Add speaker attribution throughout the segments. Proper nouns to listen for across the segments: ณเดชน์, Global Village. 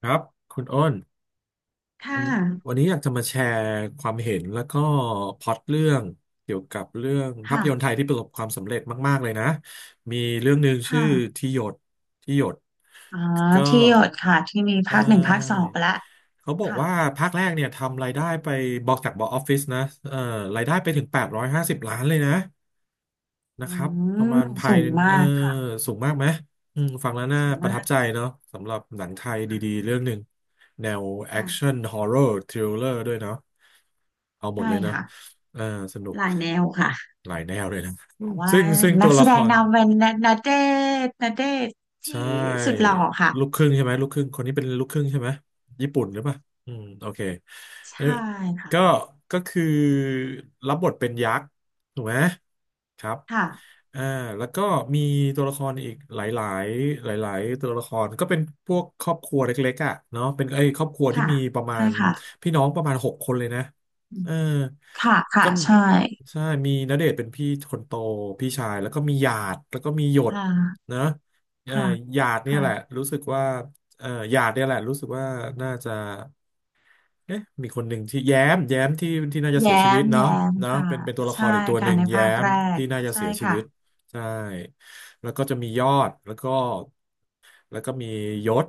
Speaker 1: ครับคุณอ้น
Speaker 2: ค่ะ
Speaker 1: วันวันนี้อยากจะมาแชร์ความเห็นแล้วก็พล็อตเรื่องเกี่ยวกับเรื่องภาพยนตร์ไท
Speaker 2: ค่ะ
Speaker 1: ยที่ประสบความสำเร็จมากๆเลยนะมีเรื่องหนึ่งชื่อ
Speaker 2: ค่ะ
Speaker 1: ที่หยดที่หยด
Speaker 2: อ๋อ
Speaker 1: ก็
Speaker 2: ที่หยดค่ะ ที่มี
Speaker 1: ใช
Speaker 2: ภาคหนึ่งภาคสอง
Speaker 1: ่
Speaker 2: ไปแล้ว
Speaker 1: เขาบอก
Speaker 2: ค่ะ
Speaker 1: ว่าภาคแรกเนี่ยทำรายได้ไปบอกออฟฟิศนะเอ่อรายได้ไปถึง850ล้านเลยนะ นะ
Speaker 2: อื
Speaker 1: ครับ ประ
Speaker 2: ม
Speaker 1: มาณภา
Speaker 2: สู
Speaker 1: ย
Speaker 2: งมา
Speaker 1: เออ
Speaker 2: กค่ะ
Speaker 1: สูงมากไหมอืมฟังแล้วน่า
Speaker 2: สูง
Speaker 1: ประ
Speaker 2: มา
Speaker 1: ทับ
Speaker 2: ก
Speaker 1: ใจเนาะสำหรับหนังไทยดี
Speaker 2: ค่ะ
Speaker 1: ๆเรื่องหนึ่งแนวแอ
Speaker 2: ค่ะ
Speaker 1: คชั่นฮอ r ์เรอรทริลเลอร์ด้วยเนาะเอาหมด
Speaker 2: ใช่
Speaker 1: เลยเนาะ
Speaker 2: ค่ะ
Speaker 1: เออสนุก
Speaker 2: หลายแนวค่ะ
Speaker 1: หลายแนวเลยนะอื
Speaker 2: แต่
Speaker 1: ม
Speaker 2: ว่า
Speaker 1: ซึ่ง
Speaker 2: นั
Speaker 1: ตัว
Speaker 2: กแส
Speaker 1: ละ
Speaker 2: ด
Speaker 1: ค
Speaker 2: ง
Speaker 1: ร
Speaker 2: นำเป็นณเดชน์ณเดชน์
Speaker 1: ใช
Speaker 2: ที่สุดห
Speaker 1: ่
Speaker 2: ล่อค่ะ
Speaker 1: ลูกครึ่งใช่ไหมลูกครึ่งคนนี้เป็นลูกครึ่งใช่ไหมญี่ปุ่นหรือเปล่าอืมโอเคเอ้ย
Speaker 2: ใช่ค่ะ
Speaker 1: ก็ก็คือรับบทเป็นยักษ์ถูกไหมครับ
Speaker 2: ค่ะ
Speaker 1: อ่าแล้วก็มีตัวละครอีกหลายๆหลายๆตัวละครก็เป็นพวกครอบครัวเล็กๆอ่ะเนาะเป็นไอ้ยครอบครัวที่
Speaker 2: ค่ะ
Speaker 1: มีประมา
Speaker 2: ใช่
Speaker 1: ณ
Speaker 2: ค่ะ
Speaker 1: พี่น้องประมาณหกคนเลยนะ
Speaker 2: อืม
Speaker 1: เออ
Speaker 2: ค่ะค่ะ
Speaker 1: ก็
Speaker 2: ใช่
Speaker 1: ใช่มีณเดชน์เป็นพี่คนโตพี่ชายแล้วก็มีหยาดแล้วก็มีหยด
Speaker 2: ค่ะ
Speaker 1: นะ เอ่อ
Speaker 2: ค่ะ
Speaker 1: หยาดเนี่ยแหละ
Speaker 2: ค่ะ
Speaker 1: รู้สึกว่าเอ่อหยาดเนี่ยแหละรู้สึกว่าน่าจะเอ๊ะมีคนหนึ่งที่แย้มที่น่าจะเสีย
Speaker 2: แย้
Speaker 1: ชีวิต
Speaker 2: ม
Speaker 1: เนาะ
Speaker 2: แย้ม
Speaker 1: เนาะ
Speaker 2: ค่ะ
Speaker 1: เป็นตัวละค
Speaker 2: ใช่
Speaker 1: รอีกตัวห
Speaker 2: ค่ะ
Speaker 1: นึ่ง
Speaker 2: ใน
Speaker 1: แย้
Speaker 2: ภาค
Speaker 1: ม
Speaker 2: แรก
Speaker 1: ที่น่าจะ
Speaker 2: ใช่
Speaker 1: เสียชี
Speaker 2: ค่ะ
Speaker 1: วิตใช่แล้วก็จะมียอดแล้วก็ แล้วก็มียศ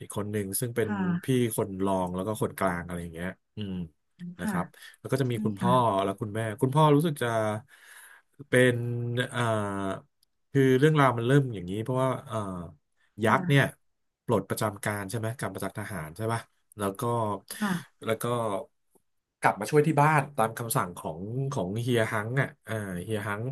Speaker 1: อีกคนหนึ่งซึ่งเป็น
Speaker 2: ค
Speaker 1: พี่
Speaker 2: ่ะ
Speaker 1: คนรองแล้วก็คนกลางอะไรอย่างเงี้ยอืมนะค
Speaker 2: ค่ะ
Speaker 1: รับแล้วก็จะมี
Speaker 2: ใช่
Speaker 1: คุณพ่
Speaker 2: ค่ะ
Speaker 1: อและคุณแม่คุณพ่อรู้สึกจะเป็นเอ่อคือเรื่องราวมันเริ่มอย่างนี้เพราะว่ายักษ์เนี่ย
Speaker 2: ค่ะ
Speaker 1: ปลดประจำการใช่ไหมกลับมาจากทหารใช่ปะแล้วก็
Speaker 2: ค่ะ
Speaker 1: แล้วก็กลับมาช่วยที่บ้านตามคำสั่งของเฮียฮังอ่ะเอ่าเฮียฮัง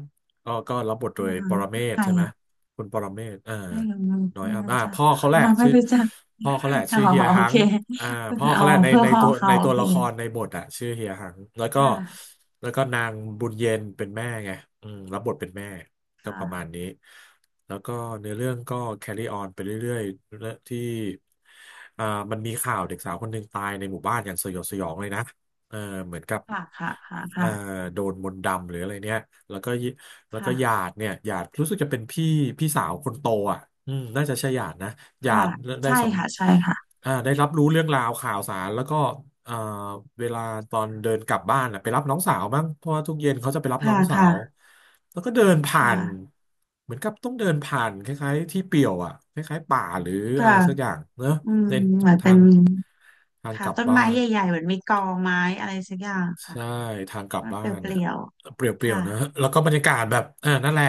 Speaker 1: ก็รับบทโด
Speaker 2: อา
Speaker 1: ย
Speaker 2: หา
Speaker 1: ป
Speaker 2: ร
Speaker 1: รเม
Speaker 2: คือ
Speaker 1: ศ
Speaker 2: ใคร
Speaker 1: ใช่ไหม
Speaker 2: อ่ะ
Speaker 1: คุณปรเมศอ่า
Speaker 2: ไม่รู้ไม
Speaker 1: ดอย
Speaker 2: ่
Speaker 1: อัม
Speaker 2: รู้
Speaker 1: อ่า
Speaker 2: จักค่ะไม่รู้จัก
Speaker 1: พ่อเขาแหละ
Speaker 2: อ๋อ
Speaker 1: ชื่อเฮีย
Speaker 2: โอ
Speaker 1: ฮั
Speaker 2: เค
Speaker 1: งอ่าพ่อ
Speaker 2: อ๋อ
Speaker 1: เขาแหละใน
Speaker 2: เพื่อพ่อเขา
Speaker 1: ใน
Speaker 2: โอ
Speaker 1: ตัว
Speaker 2: เค
Speaker 1: ละครในบทอ่ะชื่อเฮียฮังแล้วก็
Speaker 2: ค่ะ
Speaker 1: นางบุญเย็นเป็นแม่ไงอืมรับบทเป็นแม่ก็
Speaker 2: ค่ะ
Speaker 1: ประมาณนี้แล้วก็เนื้อเรื่องก็ carry on ไปเรื่อยๆเรื่องที่อ่ามันมีข่าวเด็กสาวคนหนึ่งตายในหมู่บ้านอย่างสยดสยองเลยนะเออเหมือนกับ
Speaker 2: ค่ะค่ะค่ะ
Speaker 1: เอ่อ
Speaker 2: ค่ะ
Speaker 1: โดนมนต์ดำหรืออะไรเนี่ยแล้วก็แล้วก็หยา
Speaker 2: ค่ะ
Speaker 1: ดเนี่ยหยาดรู้สึกจะเป็นพี่พี่สาวคนโตอ่ะอืมน่าจะใช่หยาดนะหยา
Speaker 2: ค่ะ
Speaker 1: ดได้
Speaker 2: ใช่
Speaker 1: สัม
Speaker 2: ค่ะใช่ค่ะ
Speaker 1: อ่าได้รับรู้เรื่องราวข่าวสารแล้วก็เอ่อเวลาตอนเดินกลับบ้านอ่ะไปรับน้องสาวบ้างเพราะว่าทุกเย็นเขาจะไปรับน้อ
Speaker 2: ค่ะ
Speaker 1: งสา
Speaker 2: ค่ะ
Speaker 1: วแล้วก็เดินผ่า
Speaker 2: ค่ะ
Speaker 1: นเหมือนกับต้องเดินผ่านคล้ายๆที่เปลี่ยวอ่ะคล้ายๆป่าหรือ
Speaker 2: ก็
Speaker 1: อะไรสักอย่างเนอะ
Speaker 2: อืม
Speaker 1: ใน
Speaker 2: เหมือน
Speaker 1: ทา
Speaker 2: เป็น
Speaker 1: งทาง
Speaker 2: ค่ะ
Speaker 1: กลับ
Speaker 2: ต้นไม้
Speaker 1: บ้าน
Speaker 2: ใหญ่ๆเหมือนมีกอไม้อะไรสักอย่างค่ะ
Speaker 1: ใช่ทางกลับ
Speaker 2: มัน
Speaker 1: บ้า
Speaker 2: เป
Speaker 1: นเนี่ย
Speaker 2: ลี่ยว
Speaker 1: เป
Speaker 2: ๆ
Speaker 1: รียว
Speaker 2: ค่ะ
Speaker 1: ๆนะแล้วก็บรรยากาศแบบอ่านั่นแหละ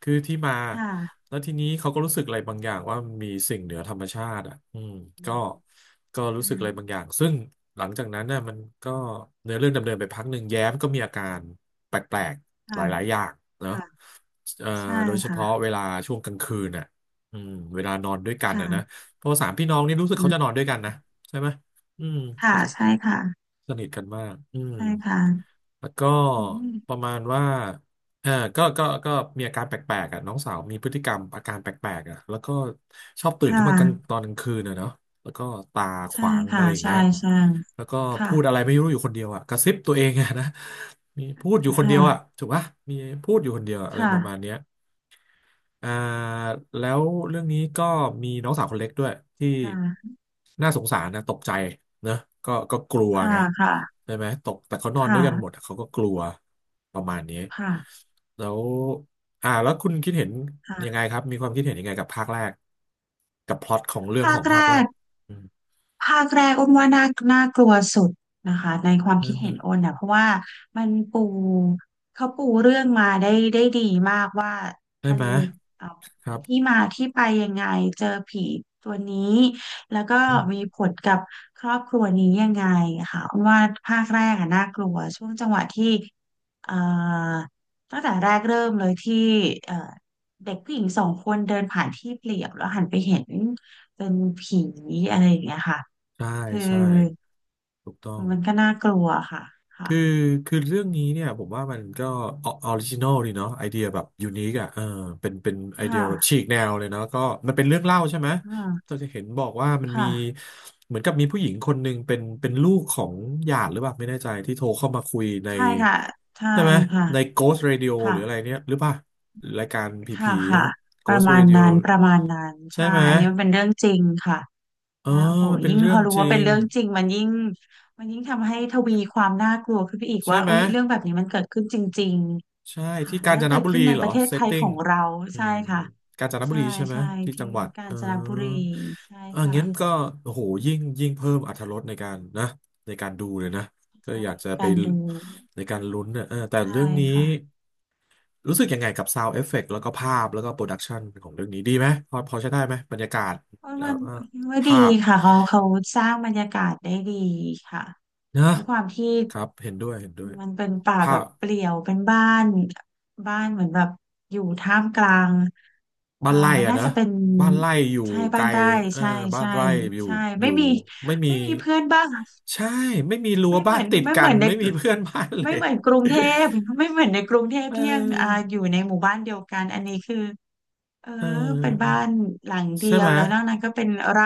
Speaker 1: คือที่มา
Speaker 2: ค่ะ
Speaker 1: แล้วทีนี้เขาก็รู้สึกอะไรบางอย่างว่ามีสิ่งเหนือธรรมชาติอ่ะอืมก็ก็รู้
Speaker 2: อื
Speaker 1: สึกอะไรบางอ
Speaker 2: ม
Speaker 1: ย่างซึ่งหลังจากนั้นน่ะมันก็เนื้อเรื่องดำเนินไปพักหนึ่งแย้มก็มีอาการแปลกๆห
Speaker 2: ค่ะ
Speaker 1: ลายๆอย่างเนอะ
Speaker 2: ค่ะ
Speaker 1: เอ่อ
Speaker 2: ใช่
Speaker 1: โดยเฉพาะเว
Speaker 2: ค่ะ
Speaker 1: ลาช่วงกลางคืนน่ะอืมเวลานอนด้วยกันน่ะนะ
Speaker 2: ค่ะ
Speaker 1: เพราะสามพี่น้องนี่รู้สึก
Speaker 2: อื
Speaker 1: เขาจะน
Speaker 2: ม
Speaker 1: อนด้วยกันนะใช่ไหม อืม
Speaker 2: ค่ะ
Speaker 1: เขาจะ
Speaker 2: ใช่ค่ะ
Speaker 1: สนิทกันมากอืม
Speaker 2: ใช่ค่ะ
Speaker 1: แล้วก็
Speaker 2: อื
Speaker 1: ป
Speaker 2: ม
Speaker 1: ระมาณว่าเออก็มีอาการแปลกๆอ่ะน้องสาวมีพฤติกรรมอาการแปลกๆอ่ะแล้วก็ชอบตื่น
Speaker 2: ค่ะ
Speaker 1: ขึ้นมากลางตอนกลางคืนอ่ะเนาะแล้วก็ตาข
Speaker 2: ใช่
Speaker 1: วางอะ
Speaker 2: ค่ะ
Speaker 1: ไรอย่าง
Speaker 2: ใช่
Speaker 1: เงี้ย
Speaker 2: ใช่
Speaker 1: แล้วก็
Speaker 2: ค่ะ
Speaker 1: พูดอะไรไม่รู้อยู่คนเดียวอ่ะกระซิบตัวเองอ่ะนะมีพูดอยู่คนเดี
Speaker 2: ค่ะ
Speaker 1: ยวอ่ะถูกปะมีพูดอยู่คนเดียวอะอะไร
Speaker 2: ค่ะ
Speaker 1: ประมาณเนี้ย อ่าแล้วเรื่องนี้ก็มีน้องสาวคนเล็กด้วยที่
Speaker 2: ค่ะ
Speaker 1: น่าสงสารนะตกใจนะก็กลัวไง
Speaker 2: ค่ะ
Speaker 1: ใช่ไหมตกแต่เขานอ
Speaker 2: ค
Speaker 1: นด้วยกันหมด
Speaker 2: ่ะ
Speaker 1: เขาก็กลัวประมาณนี้
Speaker 2: ค่ะค่ะ
Speaker 1: แล้วแล้วคุณคิดเห็นยัง
Speaker 2: ค่ะ
Speaker 1: ไงครับมีความคิดเห็นยังไงกับภาคแรกกับพล็อตของเรื่อง
Speaker 2: ภา
Speaker 1: ขอ
Speaker 2: ค
Speaker 1: ง
Speaker 2: แร
Speaker 1: ภาคแรก
Speaker 2: ก
Speaker 1: อืม
Speaker 2: ภาคแรกอ้นว่าน่าน่ากลัวสุดนะคะในความ
Speaker 1: ได้
Speaker 2: คิด
Speaker 1: ไหม
Speaker 2: เห็นอ้นนะเพราะว่ามันปูเขาปูเรื่องมาได้ได้ดีมากว่า
Speaker 1: ได้
Speaker 2: มัน
Speaker 1: ไหม
Speaker 2: เอ่อ
Speaker 1: ครั
Speaker 2: มี
Speaker 1: บ
Speaker 2: ที่มาที่ไปยังไงเจอผีตัวนี้แล้วก็
Speaker 1: อื
Speaker 2: มี
Speaker 1: ม
Speaker 2: ผลกับครอบครัวนี้ยังไงค่ะอ้นว่าภาคแรกอะน่ากลัวช่วงจังหวะที่เอ่อตั้งแต่แรกเริ่มเลยที่เอ่อเด็กผู้หญิงสองคนเดินผ่านที่เปลี่ยวแล้วหันไปเห็นเป็นผีอะไรอย่างเงี้ยค่ะ
Speaker 1: ใช่
Speaker 2: คือ
Speaker 1: ใช่ถูกต้อง
Speaker 2: มันก็น่ากลัวค่ะค่ะ
Speaker 1: คือคือเรื่องนี้เนี่ยผมว่ามันก็ออริจินอลดีเนาะไอเดียแบบยูนิคอ่ะเออเป็นไอ
Speaker 2: ค
Speaker 1: เดียแบบฉี
Speaker 2: ่ะ
Speaker 1: กแนวเลยเนาะก็มันเป็นเรื่องเล่าใช่ไหม
Speaker 2: อ่
Speaker 1: เรา
Speaker 2: า
Speaker 1: จะเห็นบอกว่ามันมี
Speaker 2: ค่ะ
Speaker 1: เหมือนกับมีผู้หญิงคนหนึ่งเป็นลูกของหยาดหรือเปล่าไม่แน่ใจที่โทรเข้ามาคุยใน
Speaker 2: ใช่ค่ะใช่
Speaker 1: ใช่ไหม
Speaker 2: ค่ะ
Speaker 1: ใน Ghost Radio ห
Speaker 2: ค่ะ
Speaker 1: รืออะไรเนี่ยหรือเปล่ารายการผ
Speaker 2: ค่ะ
Speaker 1: ี
Speaker 2: ค่ะ
Speaker 1: ๆ
Speaker 2: ประ
Speaker 1: Ghost
Speaker 2: มาณ
Speaker 1: Radio
Speaker 2: นั้นประมาณนั้น
Speaker 1: ใช่
Speaker 2: ใช่
Speaker 1: ไหม
Speaker 2: อันนี้มันเป็นเรื่องจริงค่ะ
Speaker 1: เออ
Speaker 2: แล้วโห
Speaker 1: มันเป็น
Speaker 2: ยิ่ง
Speaker 1: เรื่
Speaker 2: พ
Speaker 1: อ
Speaker 2: อ
Speaker 1: ง
Speaker 2: รู้
Speaker 1: จริ
Speaker 2: ว่าเป็น
Speaker 1: ง
Speaker 2: เรื่องจริงมันยิ่งมันยิ่งทำให้ทวีความน่ากลัวขึ้นไปอีก
Speaker 1: ใช่
Speaker 2: ว่า
Speaker 1: ไหม
Speaker 2: โอ้ยเรื่องแบบนี้มันเกิดขึ้นจริง
Speaker 1: ใช่
Speaker 2: ๆค่ะ
Speaker 1: ที่
Speaker 2: แล้
Speaker 1: กา
Speaker 2: ว
Speaker 1: ญ
Speaker 2: ก็
Speaker 1: จน
Speaker 2: เกิด
Speaker 1: บุ
Speaker 2: ขึ้
Speaker 1: รี
Speaker 2: นใน
Speaker 1: เหร
Speaker 2: ป
Speaker 1: อ
Speaker 2: ระเทศ
Speaker 1: เซ
Speaker 2: ไท
Speaker 1: ต
Speaker 2: ย
Speaker 1: ติ้
Speaker 2: ข
Speaker 1: ง
Speaker 2: องเรา
Speaker 1: อื
Speaker 2: ใช่
Speaker 1: ม
Speaker 2: ค่ะ
Speaker 1: กาญจนบุ
Speaker 2: ใช่
Speaker 1: รีใช่ไหม
Speaker 2: ใช่
Speaker 1: ที่จั
Speaker 2: ที่
Speaker 1: งหวัด
Speaker 2: กา
Speaker 1: เอ
Speaker 2: ญ
Speaker 1: อ
Speaker 2: จนบุรีใช่
Speaker 1: เอองั้นก็
Speaker 2: ค่ะ
Speaker 1: โอ้โหยิ่งยิ่งเพิ่มอรรถรสในการนะในการดูเลยนะก็อยาก
Speaker 2: ใน
Speaker 1: จะไป
Speaker 2: การดู
Speaker 1: ในการลุ้นเนี่ยเออแต่
Speaker 2: ใช่
Speaker 1: เรื่องนี้
Speaker 2: ค่ะ
Speaker 1: รู้สึกยังไงกับซาวด์เอฟเฟกต์แล้วก็ภาพแล้วก็โปรดักชันของเรื่องนี้ดีไหมพอพอใช้ได้ไหมบรรยากาศ
Speaker 2: ว่า
Speaker 1: แล้
Speaker 2: มั
Speaker 1: ว
Speaker 2: น
Speaker 1: ก็
Speaker 2: ว่าดี
Speaker 1: ภาพ
Speaker 2: ค่ะเขาเขาสร้างบรรยากาศได้ดีค่ะ
Speaker 1: นะ
Speaker 2: ในความที่
Speaker 1: ครับเห็นด้วยเห็นด้วย
Speaker 2: มันเป็นป่า
Speaker 1: ภา
Speaker 2: แบบ
Speaker 1: พ
Speaker 2: เปลี่ยวเป็นบ้านบ้านเหมือนแบบอยู่ท่ามกลาง
Speaker 1: บ้านไร่
Speaker 2: มัน
Speaker 1: อะ
Speaker 2: น่า
Speaker 1: นะ
Speaker 2: จะเป็น
Speaker 1: บ้านไร่อยู่
Speaker 2: ใช่
Speaker 1: ไก
Speaker 2: บ้า
Speaker 1: ล
Speaker 2: นไร่
Speaker 1: เออ
Speaker 2: ใช่
Speaker 1: บ้าน
Speaker 2: ใช่
Speaker 1: ไร่อยู่
Speaker 2: ใช่
Speaker 1: อ
Speaker 2: ไม่
Speaker 1: ยู่
Speaker 2: มี
Speaker 1: ไม่มี
Speaker 2: ไม่มีเพื่อนบ้าง
Speaker 1: ใช่ไม่มีรั้ว
Speaker 2: ไม่เห
Speaker 1: บ้า
Speaker 2: มื
Speaker 1: น
Speaker 2: อน
Speaker 1: ติด
Speaker 2: ไม่
Speaker 1: กั
Speaker 2: เหมื
Speaker 1: น
Speaker 2: อนใน
Speaker 1: ไม่มีเพื่อนบ้านเล
Speaker 2: ไม่
Speaker 1: ย
Speaker 2: เหมือนกรุงเทพไม่เหมือนในกรุงเทพ
Speaker 1: เ
Speaker 2: ที่ยังอ่า
Speaker 1: ออ
Speaker 2: อยู่ในหมู่บ้านเดียวกันอันนี้คือ เออ
Speaker 1: เ
Speaker 2: เป็นบ้า
Speaker 1: ออ
Speaker 2: นหลังเดี
Speaker 1: ใช่
Speaker 2: ย
Speaker 1: ไห
Speaker 2: ว
Speaker 1: ม
Speaker 2: แล้วนอกนั้นก็เป็นไร่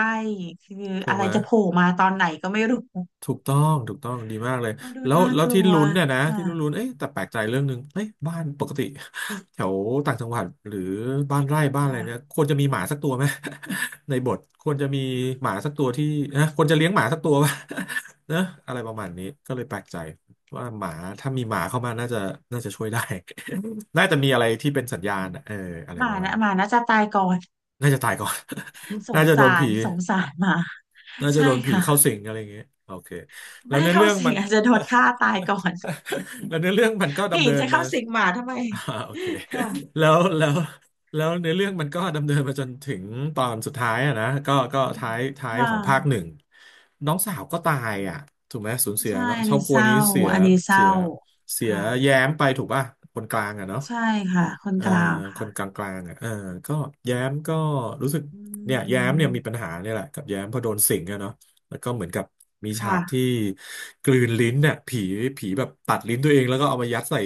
Speaker 2: คือ
Speaker 1: ถู
Speaker 2: อะ
Speaker 1: ก
Speaker 2: ไร
Speaker 1: ไหม
Speaker 2: จะโผล่มาตอนไหนก็ไม่รู้
Speaker 1: ถูกต้องถูกต้องดีมากเลย
Speaker 2: มาดู
Speaker 1: แล้ว
Speaker 2: น่า
Speaker 1: แล้ว
Speaker 2: ก
Speaker 1: ที่
Speaker 2: ลัว
Speaker 1: ลุ้นเนี่ยนะที่
Speaker 2: ค่ะ
Speaker 1: ลุ้นลุ้นเอ๊ะแต่แปลกใจเรื่องหนึ่งเอ๊ะบ้านปกติ แถวต่างจังหวัดหรือบ้านไร่บ้านอะไร
Speaker 2: ค่ะ
Speaker 1: เนี่ยควรจะมีหมาสักตัวไหม ในบทควรจะมีหมาสักตัวที่นะควรจะเลี้ยงหมาสักตัวป่ะ นะอะไรประมาณนี้ก็เลยแปลกใจว่าหมาถ้ามีหมาเข้ามาน่าจะน่าจะช่วยได้ น่าจะมีอะไรที่เป็นสัญญาณอะเอออะไร
Speaker 2: หมา
Speaker 1: ประมาณ
Speaker 2: นะ
Speaker 1: นี้
Speaker 2: หมาน่าจะตายก่อน
Speaker 1: น่าจะตายก่อน
Speaker 2: ส
Speaker 1: น่า
Speaker 2: ง
Speaker 1: จะโด
Speaker 2: สา
Speaker 1: นผี
Speaker 2: รสงสารหมา
Speaker 1: น่าจะ
Speaker 2: ใช่
Speaker 1: โดนผี
Speaker 2: ค่ะ
Speaker 1: เข้าสิงอะไรอย่างเงี้ยโอเคแล้ว
Speaker 2: ไม่
Speaker 1: ในอ
Speaker 2: เข้า
Speaker 1: เรื่อง
Speaker 2: สิ
Speaker 1: มั
Speaker 2: ง
Speaker 1: น
Speaker 2: อาจจะโดนฆ่าตายก่อน
Speaker 1: แล้วในอเรื่องมันก็
Speaker 2: ผี
Speaker 1: ดำเนิน
Speaker 2: จะ
Speaker 1: มา
Speaker 2: เข้าสิงหมาทำไม
Speaker 1: อ่าโอเค
Speaker 2: ค่ะ
Speaker 1: แล้วแล้วแล้วในอเรื่องมันก็ดำเนินมาจนถึงตอนสุดท้ายอะนะก็ก็
Speaker 2: อืม
Speaker 1: ท้ายท้าย
Speaker 2: ค่ะ
Speaker 1: ของภาคหนึ่งน้องสาวก็ตายอ่ะถูกไหมสูญเสีย
Speaker 2: ใช่
Speaker 1: เนาะ
Speaker 2: อัน
Speaker 1: ครอ
Speaker 2: นี้
Speaker 1: บครั
Speaker 2: เศ
Speaker 1: ว
Speaker 2: ร้า
Speaker 1: นี้เสีย
Speaker 2: อันนี้เศ
Speaker 1: เสี
Speaker 2: ร้า
Speaker 1: ยเสีย
Speaker 2: ค่ะ
Speaker 1: แย้มไปถูกป่ะคนกลางอ่ะเนาะ
Speaker 2: ใช่ค่ะคน
Speaker 1: เอ่อ
Speaker 2: กลาง
Speaker 1: ค
Speaker 2: ค่ะ
Speaker 1: นกลางๆอ่ะเออก็แย้มก็รู้สึก
Speaker 2: อื
Speaker 1: เนี่ยแย้มเนี่ยมีปัญ
Speaker 2: ม
Speaker 1: หาเนี่ยแหละกับแย้มเพอโดนสิงอะเนาะแล้วก็เหมือนกับมีฉากที่
Speaker 2: ค่ะ
Speaker 1: กลืนลิ้นเนี่ยผีผีแบบตัดลิ้นตัวเองแล้วก็เอามายัดใส่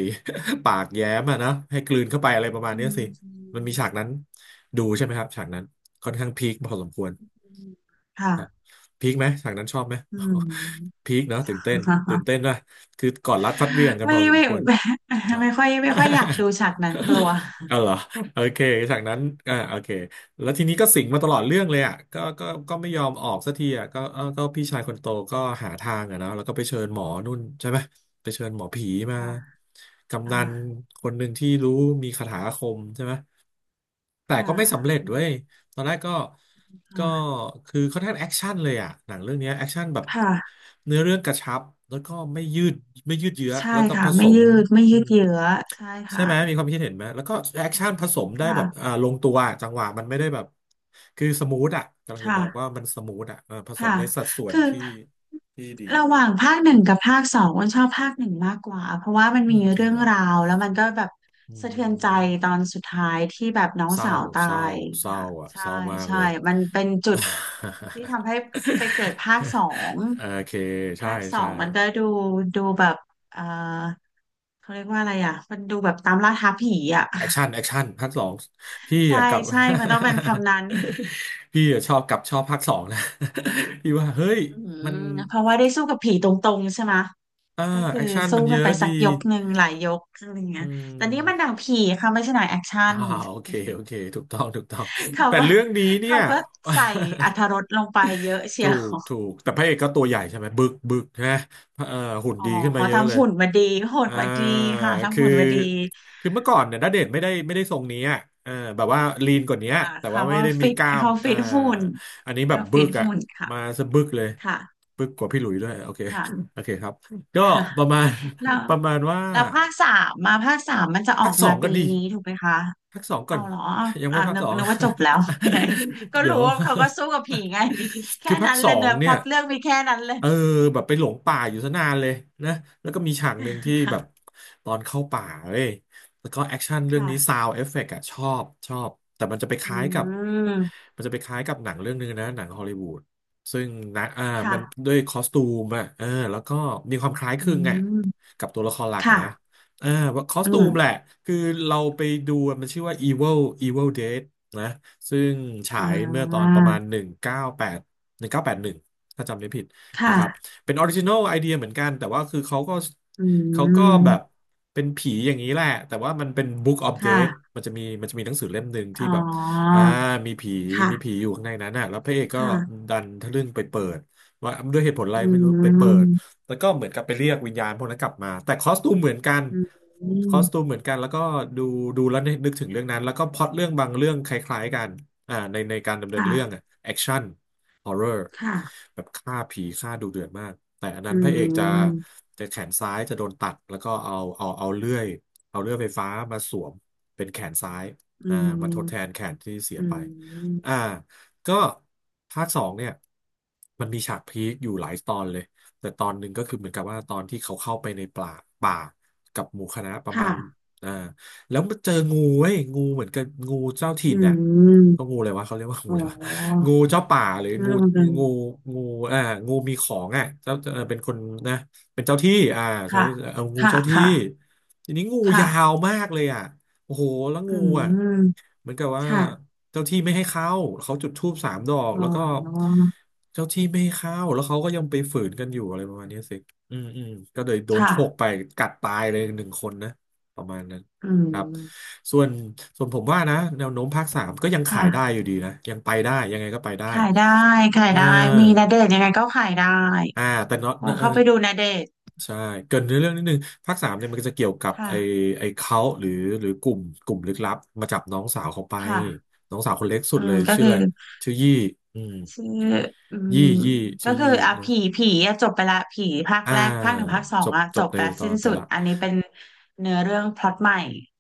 Speaker 1: ปากแย้มอะนะให้กลืนเข้าไปอะไรประมาณ
Speaker 2: อื
Speaker 1: เนี้ย
Speaker 2: ม
Speaker 1: สิมันมีฉากนั้นดูใช่ไหมครับฉากนั้นค่อนข้างพีคพอสมควร
Speaker 2: ค่ะ
Speaker 1: ครับพีคไหมฉากนั้นชอบไหม
Speaker 2: อืม
Speaker 1: พีค เนาะตื่นเต้นตื่น เต้นนะคือก่อนรัดฟัดเหวี่ยงกันพ
Speaker 2: ไม่
Speaker 1: อสม
Speaker 2: ไม่
Speaker 1: ควร นะ
Speaker 2: ไม่ ไม่ค่อยไม่ค่อยอยากดูฉากนั้นกลัว
Speaker 1: เอาเหรอ โอเคจากนั้นอ่าโอเคแล้วทีนี้ก็สิงมาตลอดเรื่องเลยอ่ะก็ก็ก็ไม่ยอมออกสักทีอ่ะก็เออก็พี่ชายคนโตก็หาทางอ่ะเนอะแล้วก็ไปเชิญหมอนู่นใช่ไหมไปเชิญหมอผีมา
Speaker 2: ค่ะค
Speaker 1: กำนัน
Speaker 2: ่ะ
Speaker 1: คนหนึ่งที่รู้มีคาถาอาคมใช่ไหมแต่
Speaker 2: ค่ะ
Speaker 1: ก็ไม่สำเร็จ
Speaker 2: อืม
Speaker 1: เว้ย ตอนแรกก็ก็
Speaker 2: ค่ะ
Speaker 1: คือค่อนข้างแอคชั่นเลยอ่ะหนังเรื่องเนี้ยแอคชั่นแบบ
Speaker 2: ค่ะ
Speaker 1: เนื้อเรื่องกระชับแล้วก็ไม่ยืดไม่ยืดเยื้อ
Speaker 2: ใช่
Speaker 1: แล้วก็ผ
Speaker 2: ค่ะ
Speaker 1: ส
Speaker 2: ไม่
Speaker 1: ม
Speaker 2: ยืดไม่
Speaker 1: อื
Speaker 2: ยืด
Speaker 1: ม
Speaker 2: เยื้อใช่
Speaker 1: ใช่
Speaker 2: ค่ะ
Speaker 1: ไหมมีความคิดเห็นไหมแล้วก็แอคชั่นผสมได้แบบ
Speaker 2: ค่ะ
Speaker 1: อ่าลงตัวอะจังหวะมันไม่ได้แบบคือสมูทอ่ะกำลังจะบอกว่า
Speaker 2: ค่ะ
Speaker 1: มันสมูทอ่ะเออผสม
Speaker 2: ค่ะ
Speaker 1: ในสัดส่วน
Speaker 2: คือ
Speaker 1: ที่ที่ดี
Speaker 2: ระหว่างภาคหนึ่งกับภาคสองอ้นชอบภาคหนึ่งมากกว่าเพราะว่ามัน
Speaker 1: เอ
Speaker 2: มี
Speaker 1: อจริง
Speaker 2: เรื่อง
Speaker 1: เหรอ
Speaker 2: ราวแล้วมันก็แบบ
Speaker 1: อื
Speaker 2: สะเทือนใจ
Speaker 1: ม
Speaker 2: ตอนสุดท้ายที่แบบน้อง
Speaker 1: เศร้า
Speaker 2: สาวตา
Speaker 1: เศร้า
Speaker 2: ย
Speaker 1: เศร้า
Speaker 2: ค่ะ
Speaker 1: อ่ะ
Speaker 2: ใช่
Speaker 1: เศร้ามาก
Speaker 2: ใช่
Speaker 1: เลย
Speaker 2: มันเป็นจุด ที่ทำให้ ไปเกิดภาคสอง
Speaker 1: โอเคใช่
Speaker 2: ภาคสอ
Speaker 1: ใช่
Speaker 2: งมันก็ดูดูแบบเออเขาเรียกว่าอะไรอ่ะมันดูแบบตามล่าท้าผีอ่ะ
Speaker 1: แอคชั่นแอคชั่นภาคสองพี่
Speaker 2: ใช่
Speaker 1: อะกลับ
Speaker 2: ใช่ มันต้องเป็นคำนั้น
Speaker 1: พี่อะชอบกลับชอบภาคสองนะ พี่ว่าเฮ้ย
Speaker 2: อื
Speaker 1: มัน
Speaker 2: มเพราะว่าได้สู้กับผีตรงๆใช่ไหมะ
Speaker 1: อ่า
Speaker 2: ก็คื
Speaker 1: แอ
Speaker 2: อ
Speaker 1: คชั่น
Speaker 2: สู้
Speaker 1: มันเย
Speaker 2: กัน
Speaker 1: อะ
Speaker 2: ไปสั
Speaker 1: ดี
Speaker 2: กยกหนึ่งหลายยกอะไรเงี้
Speaker 1: อื
Speaker 2: ยแต่นี่มันหนั
Speaker 1: ม
Speaker 2: งผีค่ะไม่ใช่หนังแอคชั่
Speaker 1: อ่า
Speaker 2: น
Speaker 1: โอเคโอเคถูกต้องถูกต้อง
Speaker 2: เขา
Speaker 1: แต่
Speaker 2: ก็
Speaker 1: เรื่องนี้เนี่
Speaker 2: เขา
Speaker 1: ย
Speaker 2: ก็ใส่ อรรถรสลงไปเยอะเชี
Speaker 1: ถู
Speaker 2: ย
Speaker 1: ก
Speaker 2: ว
Speaker 1: ถูกแต่พระเอกก็ตัวใหญ่ใช่ไหมบึกบึกนะเออหุ่น
Speaker 2: อ๋อ
Speaker 1: ดีขึ้นมา
Speaker 2: เขา
Speaker 1: เยอะเล
Speaker 2: ทำ
Speaker 1: ย
Speaker 2: หุ่นมาดีหุ่น
Speaker 1: อ่า
Speaker 2: มาดีค่ะทำ
Speaker 1: คือ
Speaker 2: หุ่นมาดี
Speaker 1: คือเมื่อก่อนเนี่ยณเดชน์ไม่ได้ทรงนี้อ่ะเออแบบว่าลีนกว่านี้
Speaker 2: อ่า
Speaker 1: แต่ว่า
Speaker 2: เขา
Speaker 1: ไม่
Speaker 2: ก็
Speaker 1: ได้มี
Speaker 2: ฟิต
Speaker 1: กล้าม
Speaker 2: เขา
Speaker 1: อ่า
Speaker 2: ฟิตหุ่น
Speaker 1: อันนี้แบบ
Speaker 2: เขา
Speaker 1: บึ
Speaker 2: ฟิต
Speaker 1: กอ่ะ
Speaker 2: หุ่นค่ะ
Speaker 1: มาสะบึกเลย
Speaker 2: ค่ะ
Speaker 1: บึกกว่าพี่หลุยส์ด้วยโอเค
Speaker 2: ค่ะ
Speaker 1: โอเคครับ ก็
Speaker 2: ค่ะ
Speaker 1: ประมาณ
Speaker 2: แล้ว
Speaker 1: ประมาณว่า
Speaker 2: แล้วภาคสามมาภาคสามมันจะออ
Speaker 1: พัก
Speaker 2: ก
Speaker 1: ส
Speaker 2: มา
Speaker 1: องกั
Speaker 2: ปี
Speaker 1: นดี
Speaker 2: นี้ถูกไหมคะ
Speaker 1: พักสองก่อ
Speaker 2: เอา
Speaker 1: น
Speaker 2: เหรอเอา
Speaker 1: ยังไม่
Speaker 2: อ่า
Speaker 1: พัก
Speaker 2: นึ
Speaker 1: ส
Speaker 2: ก
Speaker 1: อง
Speaker 2: นึกว่าจบแล้ว ก็
Speaker 1: เดี๋ย
Speaker 2: รู้
Speaker 1: ว
Speaker 2: ว่าเขาก็สู้กับผีไง แค่
Speaker 1: คือภาค
Speaker 2: นั้น
Speaker 1: ส
Speaker 2: เล
Speaker 1: อ
Speaker 2: ยเน
Speaker 1: ง
Speaker 2: อะพ
Speaker 1: เนี่
Speaker 2: ล็
Speaker 1: ย
Speaker 2: อตเรื่องมีแค่นั้นเลย
Speaker 1: เออแบบไปหลงป่าอยู่ซะนานเลยนะแล้วก็มีฉากหนึ่งที่ แบบ
Speaker 2: ค่ะ
Speaker 1: ตอนเข้าป่าเว้ยแล้วก็แอคชั่นเรื่อง
Speaker 2: ค่ะ
Speaker 1: นี้ซาว d e เอฟเฟกต์อะชอบชอบแต่มันจะไปค
Speaker 2: อื
Speaker 1: ล้ายกับ
Speaker 2: ม
Speaker 1: มันจะไปคล้ายกับหนังเรื่องหนึงนะหนังฮอลลีวูดซึ่งนะอ่ามัน
Speaker 2: ค่ะ
Speaker 1: ด้วยคอสตูมอะเออแล้วก็มีความคล้ายค
Speaker 2: อื
Speaker 1: ลึงอะ
Speaker 2: ม
Speaker 1: กับตัวละครหลักอะนะ
Speaker 2: ค่ะ
Speaker 1: อ่าว่าคอส
Speaker 2: อื
Speaker 1: ตู
Speaker 2: ม
Speaker 1: มแหละคือเราไปดูมันชื่อว่า Evil Evil Dead นะซึ่งฉา
Speaker 2: อ่
Speaker 1: ยเมื่อตอน
Speaker 2: า
Speaker 1: ประมาณ 198 1981ถ้าจำไม่ผิดนะครับ
Speaker 2: ค่ะ
Speaker 1: เป็นออริจิน l ลไอเดียเหมือนกันแต่ว่าคือเขาก็
Speaker 2: อื
Speaker 1: เขาก็แบบ
Speaker 2: ม
Speaker 1: เป็นผีอย่างนี้แหละแต่ว่ามันเป็น Book of Death
Speaker 2: ค่ะ
Speaker 1: มันจะมีหนังสือเล่มหนึ่งที่
Speaker 2: อ๋
Speaker 1: แบบ
Speaker 2: อ
Speaker 1: อ่ามีผีมีผี
Speaker 2: ค่ะ
Speaker 1: อยู่ข้างในนั้นน่ะแล้วพระเอก
Speaker 2: ค
Speaker 1: ก็
Speaker 2: ่ะ
Speaker 1: ดันทะลึ่งไปเปิดว่าด้วยเหตุผลอะไร
Speaker 2: อื
Speaker 1: ไม่รู้ไปเปิด
Speaker 2: ม
Speaker 1: แล้วก็เหมือนกับไปเรียกวิญญาณพวกนั้นกลับมา แต่คอสตูมเหมือนกัน
Speaker 2: อื
Speaker 1: ค
Speaker 2: ม
Speaker 1: อสตูมเหมือนกัน แล้วก็ดูดูแล้วนึกถึงเรื่องนั้น แล้วก็พล็อตเรื่องบางเรื่องคล้ายๆกันในการดำเนินเรื่อง
Speaker 2: ค่ะ
Speaker 1: อะแอคชั่นฮอร์เรอร์
Speaker 2: ค่ะ
Speaker 1: แบบฆ่าผีฆ่าดูเดือดมาก แต่อันนั้
Speaker 2: อื
Speaker 1: นพระเอกจะ
Speaker 2: ม
Speaker 1: จะแขนซ้ายจะโดนตัด แล้วก็เอาเลื่อยเอาเลื่อยไฟฟ้ามาสวมเป็นแขนซ้าย
Speaker 2: อื
Speaker 1: อ่า
Speaker 2: ม
Speaker 1: มาทดแทนแขนที่เสีย
Speaker 2: อื
Speaker 1: ไป
Speaker 2: ม
Speaker 1: อ่าก็ภาคสองเนี่ยมันมีฉากพีคอยู่หลายตอนเลย แต่ตอนหนึ่งก็คือเหมือนกับว่าตอนที่เขาเข้าไปในป่ากับหมู่คณะประมา
Speaker 2: ค่ะ
Speaker 1: ณอ่าแล้วมาเจองูเว้ยงูเหมือนกับงูเจ้าถิ่
Speaker 2: อื
Speaker 1: นน่ะ
Speaker 2: ม
Speaker 1: ก็งูอะไรวะเขาเรียกว่างู
Speaker 2: อ๋อ
Speaker 1: อะไรวะงูเจ้าป่าหรืองู
Speaker 2: เรื่องเดัน
Speaker 1: งูงูอ่า งูมีของอ่ะเจ้าเออเป็นคนนะเป็นเจ้าที่อ่าใช้
Speaker 2: ค่ะ
Speaker 1: เอางู
Speaker 2: ค่ะ
Speaker 1: เจ้าที่
Speaker 2: ค่ะ
Speaker 1: ทีนี้งู
Speaker 2: ค่ะ
Speaker 1: ยาวมากเลยอ่ะ โอ้โหแล้ว
Speaker 2: อื
Speaker 1: งูอ่ะ
Speaker 2: ม
Speaker 1: เหมือนกับว่า
Speaker 2: ค่ะ
Speaker 1: เจ้าที่ไม่ให้เข้าเขาจุดธูปสามดอก
Speaker 2: อ
Speaker 1: แล้วก็
Speaker 2: ๋อ
Speaker 1: เจ้าที่ไม่ให้เข้าแล้วเขาก็ยังไปฝืนกันอยู่อะไรประมาณเนี้ยสิอืมอืมก็เลยโดน
Speaker 2: ค่ะ
Speaker 1: โชกไปกัดตายเลยหนึ่งคนนะประมาณนั้น
Speaker 2: อื
Speaker 1: ครับ
Speaker 2: ม
Speaker 1: ส่วนส่วนผมว่านะแนวโน้มภาคสามก็ยังขายได้
Speaker 2: ค่ะ
Speaker 1: อยู่ดีนะยังไปได้ยังไงก็ไปได้
Speaker 2: ขายได้ขาย
Speaker 1: เออ
Speaker 2: ได้มีณเดชน์ยังไงก็ขายได้
Speaker 1: แต่เนาะ
Speaker 2: ควร
Speaker 1: เออ
Speaker 2: เข้าไปดูณเดชน์
Speaker 1: ใช่เกรินในเรื่องนิดนึงภาคสามเนี่ยมันก็จะเกี่ยวกับ
Speaker 2: ค่ะ
Speaker 1: ไอ้เขาหรือหรือกลุ่มลึกลับมาจับน้องสาวเขาไป
Speaker 2: ค่ะ
Speaker 1: น้องสาวคนเล็กสุ
Speaker 2: อื
Speaker 1: ดเล
Speaker 2: ม
Speaker 1: ย
Speaker 2: ก็
Speaker 1: ชื่อ
Speaker 2: คือ
Speaker 1: อะไรชื่อยี่อืม
Speaker 2: ชื่ออืม
Speaker 1: ยี่ยี่
Speaker 2: ก็
Speaker 1: ชื่อ
Speaker 2: คือ
Speaker 1: ยี่
Speaker 2: อ่ะ
Speaker 1: เนอะ
Speaker 2: ผีผีอ่ะจบไปละผีภาค
Speaker 1: อ่า
Speaker 2: แรกภาคหนึ่งภาคสอ
Speaker 1: จ
Speaker 2: ง
Speaker 1: บ
Speaker 2: อ่ะ
Speaker 1: จ
Speaker 2: จ
Speaker 1: บ
Speaker 2: บ
Speaker 1: ใน
Speaker 2: ไปละ
Speaker 1: ตอ
Speaker 2: สิ้น
Speaker 1: นไป
Speaker 2: สุด
Speaker 1: ละ
Speaker 2: อันนี้เป็นเนื้อเรื่องพล็อตใหม่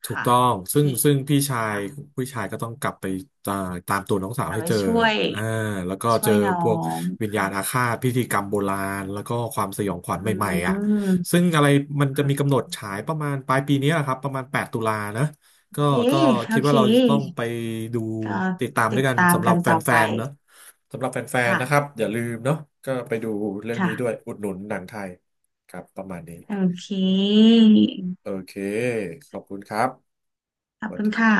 Speaker 1: ถูก
Speaker 2: ค่ะ
Speaker 1: ต้องซึ่ง
Speaker 2: ผี
Speaker 1: ซึ่งพี่ชาย
Speaker 2: ค่ะ
Speaker 1: ผู้ชายก็ต้องกลับไปตาตามตัวน้องสาว
Speaker 2: เอา
Speaker 1: ให้
Speaker 2: ไว้
Speaker 1: เจอ
Speaker 2: ช่วย
Speaker 1: อ่าแล้วก็
Speaker 2: ช่
Speaker 1: เจ
Speaker 2: ว
Speaker 1: อ
Speaker 2: ยน้อ
Speaker 1: พวก
Speaker 2: ง
Speaker 1: วิญญาณอา
Speaker 2: ค่ะ
Speaker 1: ฆาตพิธีกรรมโบราณแล้วก็ความสยองขวัญ
Speaker 2: อื
Speaker 1: ใหม่
Speaker 2: ม
Speaker 1: ๆ
Speaker 2: อื
Speaker 1: อ่ะซึ่งอะไรมันจะมีกำหนด
Speaker 2: ม
Speaker 1: ฉายประมาณปลายปีนี้แหละครับประมาณ8 ตุลานะ
Speaker 2: โอ
Speaker 1: ก็
Speaker 2: เค
Speaker 1: ก็
Speaker 2: โอ
Speaker 1: คิด
Speaker 2: เค
Speaker 1: ว่าเราจะต้องไปดู
Speaker 2: ก็
Speaker 1: ติดตามด้
Speaker 2: ติ
Speaker 1: ว
Speaker 2: ด
Speaker 1: ยกัน
Speaker 2: ตาม
Speaker 1: สำหรั
Speaker 2: กั
Speaker 1: บ
Speaker 2: น
Speaker 1: แ
Speaker 2: ต่อ
Speaker 1: ฟ
Speaker 2: ไป
Speaker 1: นๆเนาะสำหรับแฟนๆ
Speaker 2: ค่ะ
Speaker 1: นะครับอย่าลืมเนาะก็ไปดูเรื่อง
Speaker 2: ค่ะ
Speaker 1: นี้ด้วยอุดหนุนหนังไทยครับประมาณนี้
Speaker 2: โอเค
Speaker 1: โอเคขอบคุณครับ
Speaker 2: ข
Speaker 1: ส
Speaker 2: อบ
Speaker 1: วัส
Speaker 2: คุณ
Speaker 1: ดี
Speaker 2: ค่ะ